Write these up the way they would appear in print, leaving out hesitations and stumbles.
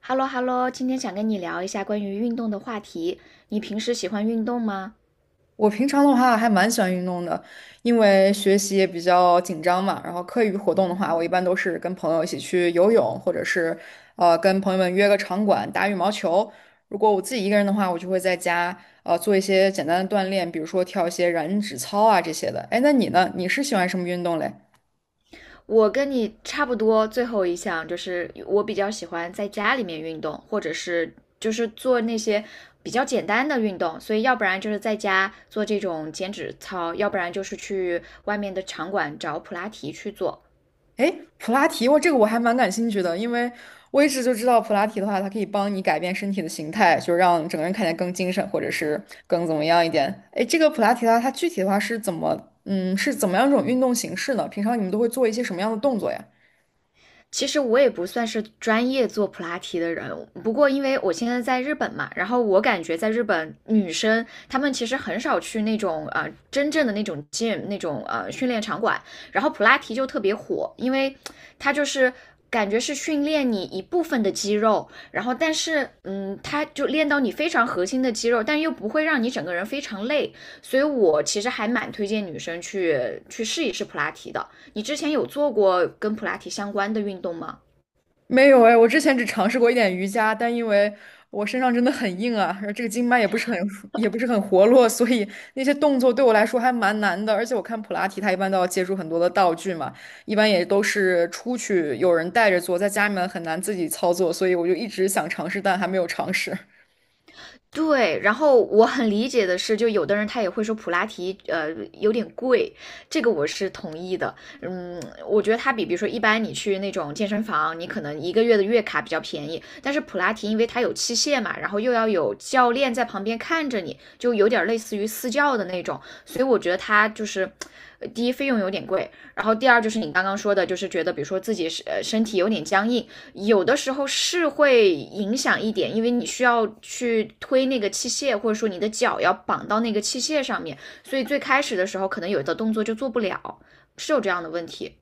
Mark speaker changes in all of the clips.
Speaker 1: 哈喽哈喽，今天想跟你聊一下关于运动的话题。你平时喜欢运动吗？
Speaker 2: 我平常的话还蛮喜欢运动的，因为学习也比较紧张嘛。然后课余活动的话，我一般都是跟朋友一起去游泳，或者是跟朋友们约个场馆打羽毛球。如果我自己一个人的话，我就会在家做一些简单的锻炼，比如说跳一些燃脂操啊这些的。哎，那你呢？你是喜欢什么运动嘞？
Speaker 1: 我跟你差不多，最后一项就是我比较喜欢在家里面运动，或者是就是做那些比较简单的运动。所以要不然就是在家做这种减脂操，要不然就是去外面的场馆找普拉提去做。
Speaker 2: 诶，普拉提，我这个我还蛮感兴趣的，因为我一直就知道普拉提的话，它可以帮你改变身体的形态，就让整个人看起来更精神，或者是更怎么样一点。诶，这个普拉提的话，它具体的话是怎么，嗯，是怎么样一种运动形式呢？平常你们都会做一些什么样的动作呀？
Speaker 1: 其实我也不算是专业做普拉提的人，不过因为我现在在日本嘛，然后我感觉在日本女生她们其实很少去那种真正的那种 gym 那种训练场馆，然后普拉提就特别火，因为它就是感觉是训练你一部分的肌肉，然后但是它就练到你非常核心的肌肉，但又不会让你整个人非常累，所以我其实还蛮推荐女生去试一试普拉提的。你之前有做过跟普拉提相关的运动吗？
Speaker 2: 没有哎，我之前只尝试过一点瑜伽，但因为我身上真的很硬啊，而这个经脉也不是很 也不是很活络，所以那些动作对我来说还蛮难的。而且我看普拉提，它一般都要借助很多的道具嘛，一般也都是出去有人带着做，在家里面很难自己操作，所以我就一直想尝试，但还没有尝试。
Speaker 1: 对，然后我很理解的是，就有的人他也会说普拉提，有点贵，这个我是同意的。嗯，我觉得它比如说一般你去那种健身房，你可能一个月的月卡比较便宜，但是普拉提因为它有器械嘛，然后又要有教练在旁边看着你，就有点类似于私教的那种，所以我觉得它就是。第一，费用有点贵，然后第二就是你刚刚说的，就是觉得比如说自己是身体有点僵硬，有的时候是会影响一点，因为你需要去推那个器械，或者说你的脚要绑到那个器械上面，所以最开始的时候可能有的动作就做不了，是有这样的问题。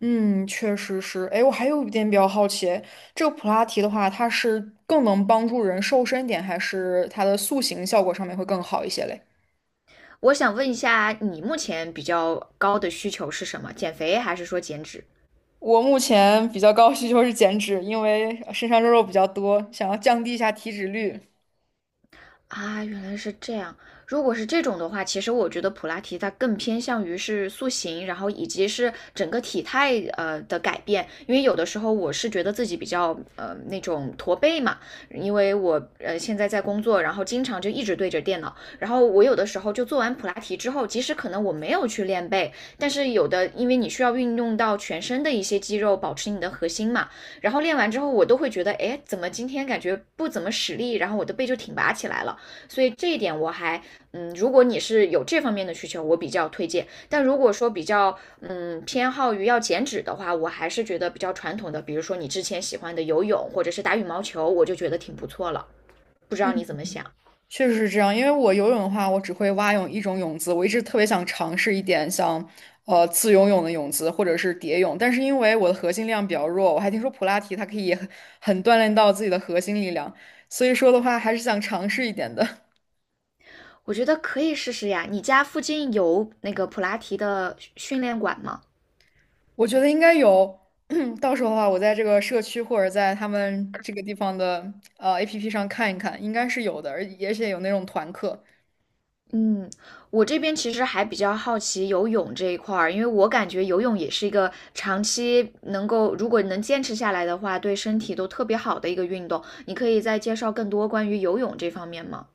Speaker 2: 嗯，确实是。哎，我还有一点比较好奇，这个普拉提的话，它是更能帮助人瘦身一点，还是它的塑形效果上面会更好一些嘞？
Speaker 1: 我想问一下，你目前比较高的需求是什么？减肥还是说减脂？
Speaker 2: 我目前比较高的需求是减脂，因为身上肉肉比较多，想要降低一下体脂率。
Speaker 1: 啊，原来是这样。如果是这种的话，其实我觉得普拉提它更偏向于是塑形，然后以及是整个体态的改变。因为有的时候我是觉得自己比较那种驼背嘛，因为我现在在工作，然后经常就一直对着电脑，然后我有的时候就做完普拉提之后，即使可能我没有去练背，但是有的因为你需要运用到全身的一些肌肉，保持你的核心嘛，然后练完之后我都会觉得，哎，怎么今天感觉不怎么使力，然后我的背就挺拔起来了。所以这一点我还，如果你是有这方面的需求，我比较推荐。但如果说比较，偏好于要减脂的话，我还是觉得比较传统的，比如说你之前喜欢的游泳或者是打羽毛球，我就觉得挺不错了。不知道你怎么想？
Speaker 2: 确实是这样，因为我游泳的话，我只会蛙泳一种泳姿，我一直特别想尝试一点像，自由泳的泳姿或者是蝶泳，但是因为我的核心量比较弱，我还听说普拉提它可以很锻炼到自己的核心力量，所以说的话还是想尝试一点的。
Speaker 1: 我觉得可以试试呀。你家附近有那个普拉提的训练馆吗？
Speaker 2: 我觉得应该有，到时候的话，我在这个社区或者在他们这个地方的APP 上看一看，应该是有的，而且有那种团课，
Speaker 1: 嗯，我这边其实还比较好奇游泳这一块儿，因为我感觉游泳也是一个长期能够，如果能坚持下来的话，对身体都特别好的一个运动。你可以再介绍更多关于游泳这方面吗？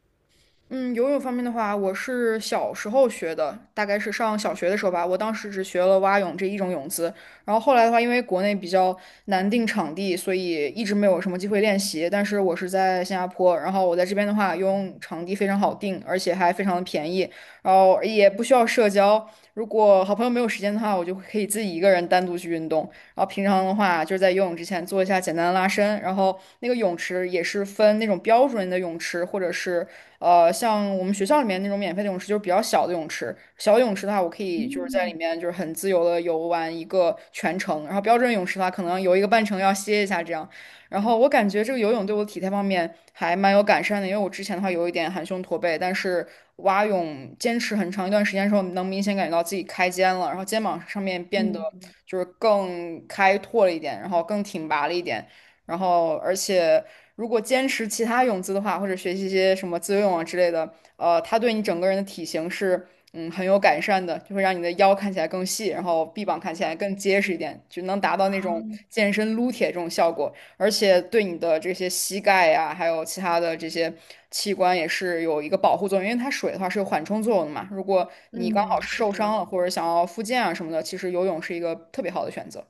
Speaker 2: 嗯，游泳方面的话，我是小时候学的，大概是上小学的时候吧。我当时只学了蛙泳这一种泳姿，然后后来的话，因为国内比较难定场地，所以一直没有什么机会练习。但是我是在新加坡，然后我在这边的话，游泳场地非常好定，而且还非常的便宜，然后也不需要社交。如果好朋友没有时间的话，我就可以自己一个人单独去运动。然后平常的话，就是在游泳之前做一下简单的拉伸，然后那个泳池也是分那种标准的泳池，或者是像我们学校里面那种免费的泳池，就是比较小的泳池。小泳池的话，我可以就是在里
Speaker 1: 嗯，
Speaker 2: 面就是很自由的游玩一个全程。然后标准泳池的话，可能游一个半程要歇一下这样。然后我感觉这个游泳对我体态方面还蛮有改善的，因为我之前的话有一点含胸驼背，但是蛙泳坚持很长一段时间的时候，能明显感觉到自己开肩了，然后肩膀上面变得就是更开拓了一点，然后更挺拔了一点。然后而且如果坚持其他泳姿的话，或者学习一些什么自由泳啊之类的，它对你整个人的体型是很有改善的，就会让你的腰看起来更细，然后臂膀看起来更结实一点，就能达到那种
Speaker 1: 啊，
Speaker 2: 健身撸铁这种效果，而且对你的这些膝盖呀、还有其他的这些器官也是有一个保护作用，因为它水的话是有缓冲作用的嘛，如果你刚好
Speaker 1: 嗯，
Speaker 2: 是
Speaker 1: 是
Speaker 2: 受伤
Speaker 1: 的。
Speaker 2: 了或者想要复健啊什么的，其实游泳是一个特别好的选择。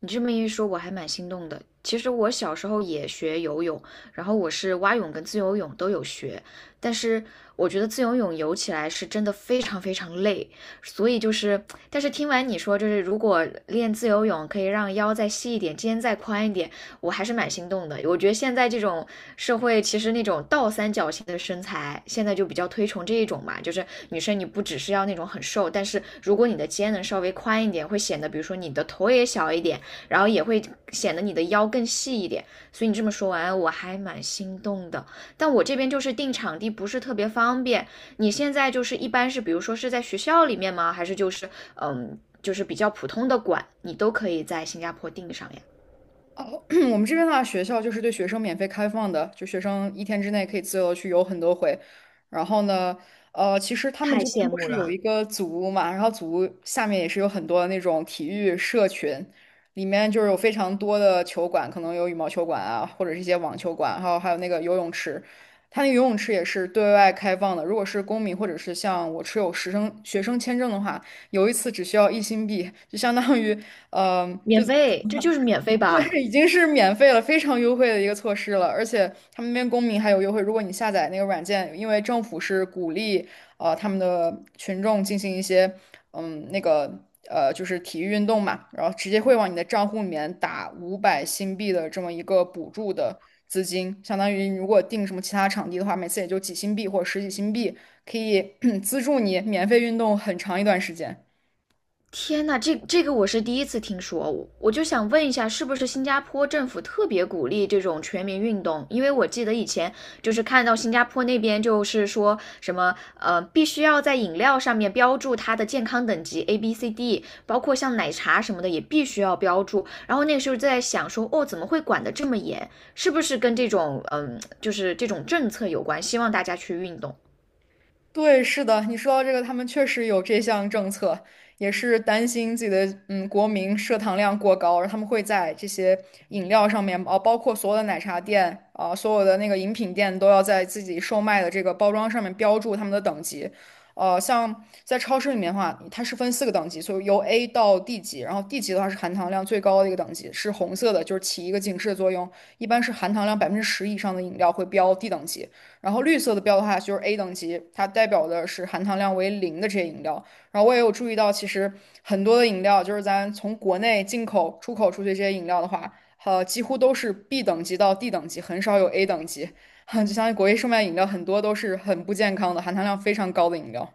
Speaker 1: 你这么一说，我还蛮心动的。其实我小时候也学游泳，然后我是蛙泳跟自由泳都有学，但是我觉得自由泳游起来是真的非常非常累，所以就是，但是听完你说，就是如果练自由泳可以让腰再细一点，肩再宽一点，我还是蛮心动的。我觉得现在这种社会，其实那种倒三角形的身材，现在就比较推崇这一种嘛，就是女生你不只是要那种很瘦，但是如果你的肩能稍微宽一点，会显得比如说你的头也小一点。然后也会显得你的腰更细一点。所以你这么说完，我还蛮心动的。但我这边就是定场地不是特别方便。你现在就是一般是，比如说是在学校里面吗？还是就是就是比较普通的馆，你都可以在新加坡订上呀？
Speaker 2: 哦，我们这边的话，学校就是对学生免费开放的，就学生一天之内可以自由地去游很多回。然后呢，其实他们
Speaker 1: 太
Speaker 2: 这边
Speaker 1: 羡
Speaker 2: 不
Speaker 1: 慕
Speaker 2: 是有一
Speaker 1: 了，
Speaker 2: 个组屋嘛，然后组屋下面也是有很多那种体育社群，里面就是有非常多的球馆，可能有羽毛球馆啊，或者是一些网球馆，还有那个游泳池。它那个游泳池也是对外开放的，如果是公民或者是像我持有学生签证的话，游一次只需要1新币，就相当于，嗯、
Speaker 1: 免费，这就是免费吧？
Speaker 2: 对，已经是免费了，非常优惠的一个措施了，而且他们那边公民还有优惠。如果你下载那个软件，因为政府是鼓励他们的群众进行一些那个就是体育运动嘛，然后直接会往你的账户里面打500新币的这么一个补助的资金，相当于如果订什么其他场地的话，每次也就几新币或者十几新币，可以 资助你免费运动很长一段时间。
Speaker 1: 天呐，这个我是第一次听说，我就想问一下，是不是新加坡政府特别鼓励这种全民运动？因为我记得以前就是看到新加坡那边就是说什么，必须要在饮料上面标注它的健康等级 A、B、C、D，包括像奶茶什么的也必须要标注。然后那个时候在想说，哦，怎么会管得这么严？是不是跟这种就是这种政策有关？希望大家去运动。
Speaker 2: 对，是的，你说到这个，他们确实有这项政策，也是担心自己的国民摄糖量过高，然后他们会在这些饮料上面，哦，包括所有的奶茶店啊、所有的那个饮品店都要在自己售卖的这个包装上面标注他们的等级。呃，像在超市里面的话，它是分四个等级，所以由 A 到 D 级，然后 D 级的话是含糖量最高的一个等级，是红色的，就是起一个警示的作用，一般是含糖量10%以上的饮料会标 D 等级。然后绿色的标的话就是 A 等级，它代表的是含糖量为零的这些饮料。然后我也有注意到，其实很多的饮料，就是咱从国内进口、出口出去这些饮料的话，几乎都是 B 等级到 D 等级，很少有 A 等级。就相当于国内售卖饮料很多都是很不健康的，含糖量非常高的饮料。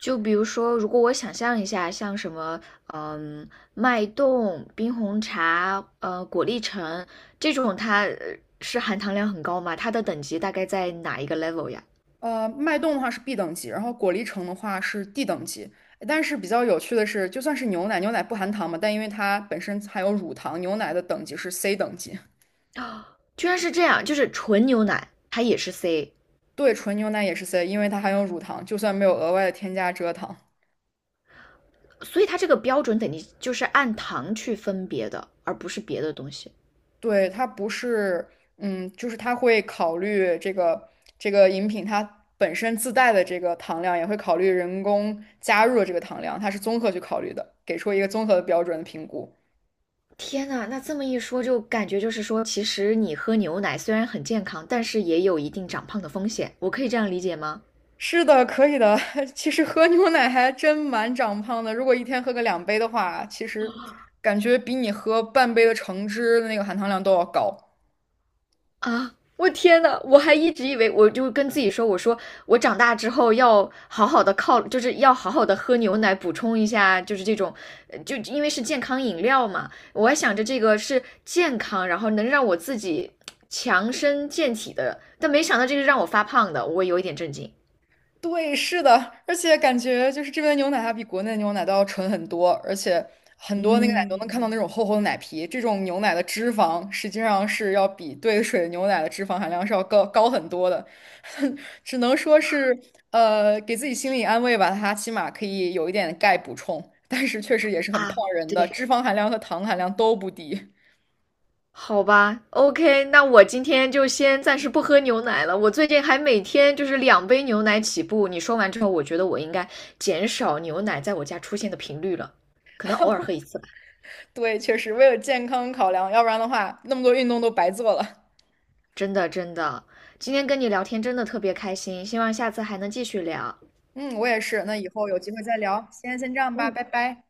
Speaker 1: 就比如说，如果我想象一下，像什么，嗯，脉动、冰红茶、果粒橙这种，它是含糖量很高吗？它的等级大概在哪一个 level 呀？
Speaker 2: 脉动的话是 B 等级，然后果粒橙的话是 D 等级。但是比较有趣的是，就算是牛奶，牛奶不含糖嘛，但因为它本身含有乳糖，牛奶的等级是 C 等级。
Speaker 1: 居然是这样，就是纯牛奶它也是 C，
Speaker 2: 对，纯牛奶也是 C,因为它含有乳糖，就算没有额外的添加蔗糖。
Speaker 1: 所以它这个标准等级就是按糖去分别的，而不是别的东西。
Speaker 2: 对，它不是，嗯，就是它会考虑这个这个饮品它本身自带的这个糖量，也会考虑人工加入的这个糖量，它是综合去考虑的，给出一个综合的标准的评估。
Speaker 1: 天呐，那这么一说，就感觉就是说，其实你喝牛奶虽然很健康，但是也有一定长胖的风险。我可以这样理解吗？
Speaker 2: 是的，可以的。其实喝牛奶还真蛮长胖的，如果一天喝个两杯的话，其实感觉比你喝半杯的橙汁的那个含糖量都要高。
Speaker 1: 啊！我天呐，我还一直以为，我就跟自己说，我说我长大之后要好好的靠，就是要好好的喝牛奶，补充一下，就是这种，就因为是健康饮料嘛，我还想着这个是健康，然后能让我自己强身健体的，但没想到这个让我发胖的，我有一点震惊
Speaker 2: 对，是的，而且感觉就是这边的牛奶它比国内的牛奶都要纯很多，而且很多那个奶都能看到那
Speaker 1: 嗯，
Speaker 2: 种厚厚的奶皮。这种牛奶的脂肪实际上是要比兑水牛奶的脂肪含量是要高很多的，只能说是给自己心理安慰吧，它起码可以有一点钙补充，但是确实也是很胖
Speaker 1: 啊！
Speaker 2: 人的，
Speaker 1: 对。
Speaker 2: 脂肪含量和糖含量都不低。
Speaker 1: 好吧，OK，那我今天就先暂时不喝牛奶了。我最近还每天就是两杯牛奶起步。你说完之后，我觉得我应该减少牛奶在我家出现的频率了，可能偶尔喝一次吧。
Speaker 2: 对，确实为了健康考量，要不然的话那么多运动都白做了。
Speaker 1: 真的，真的，今天跟你聊天真的特别开心，希望下次还能继续聊。
Speaker 2: 嗯，我也是。那以后有机会再聊，先这样吧，拜拜。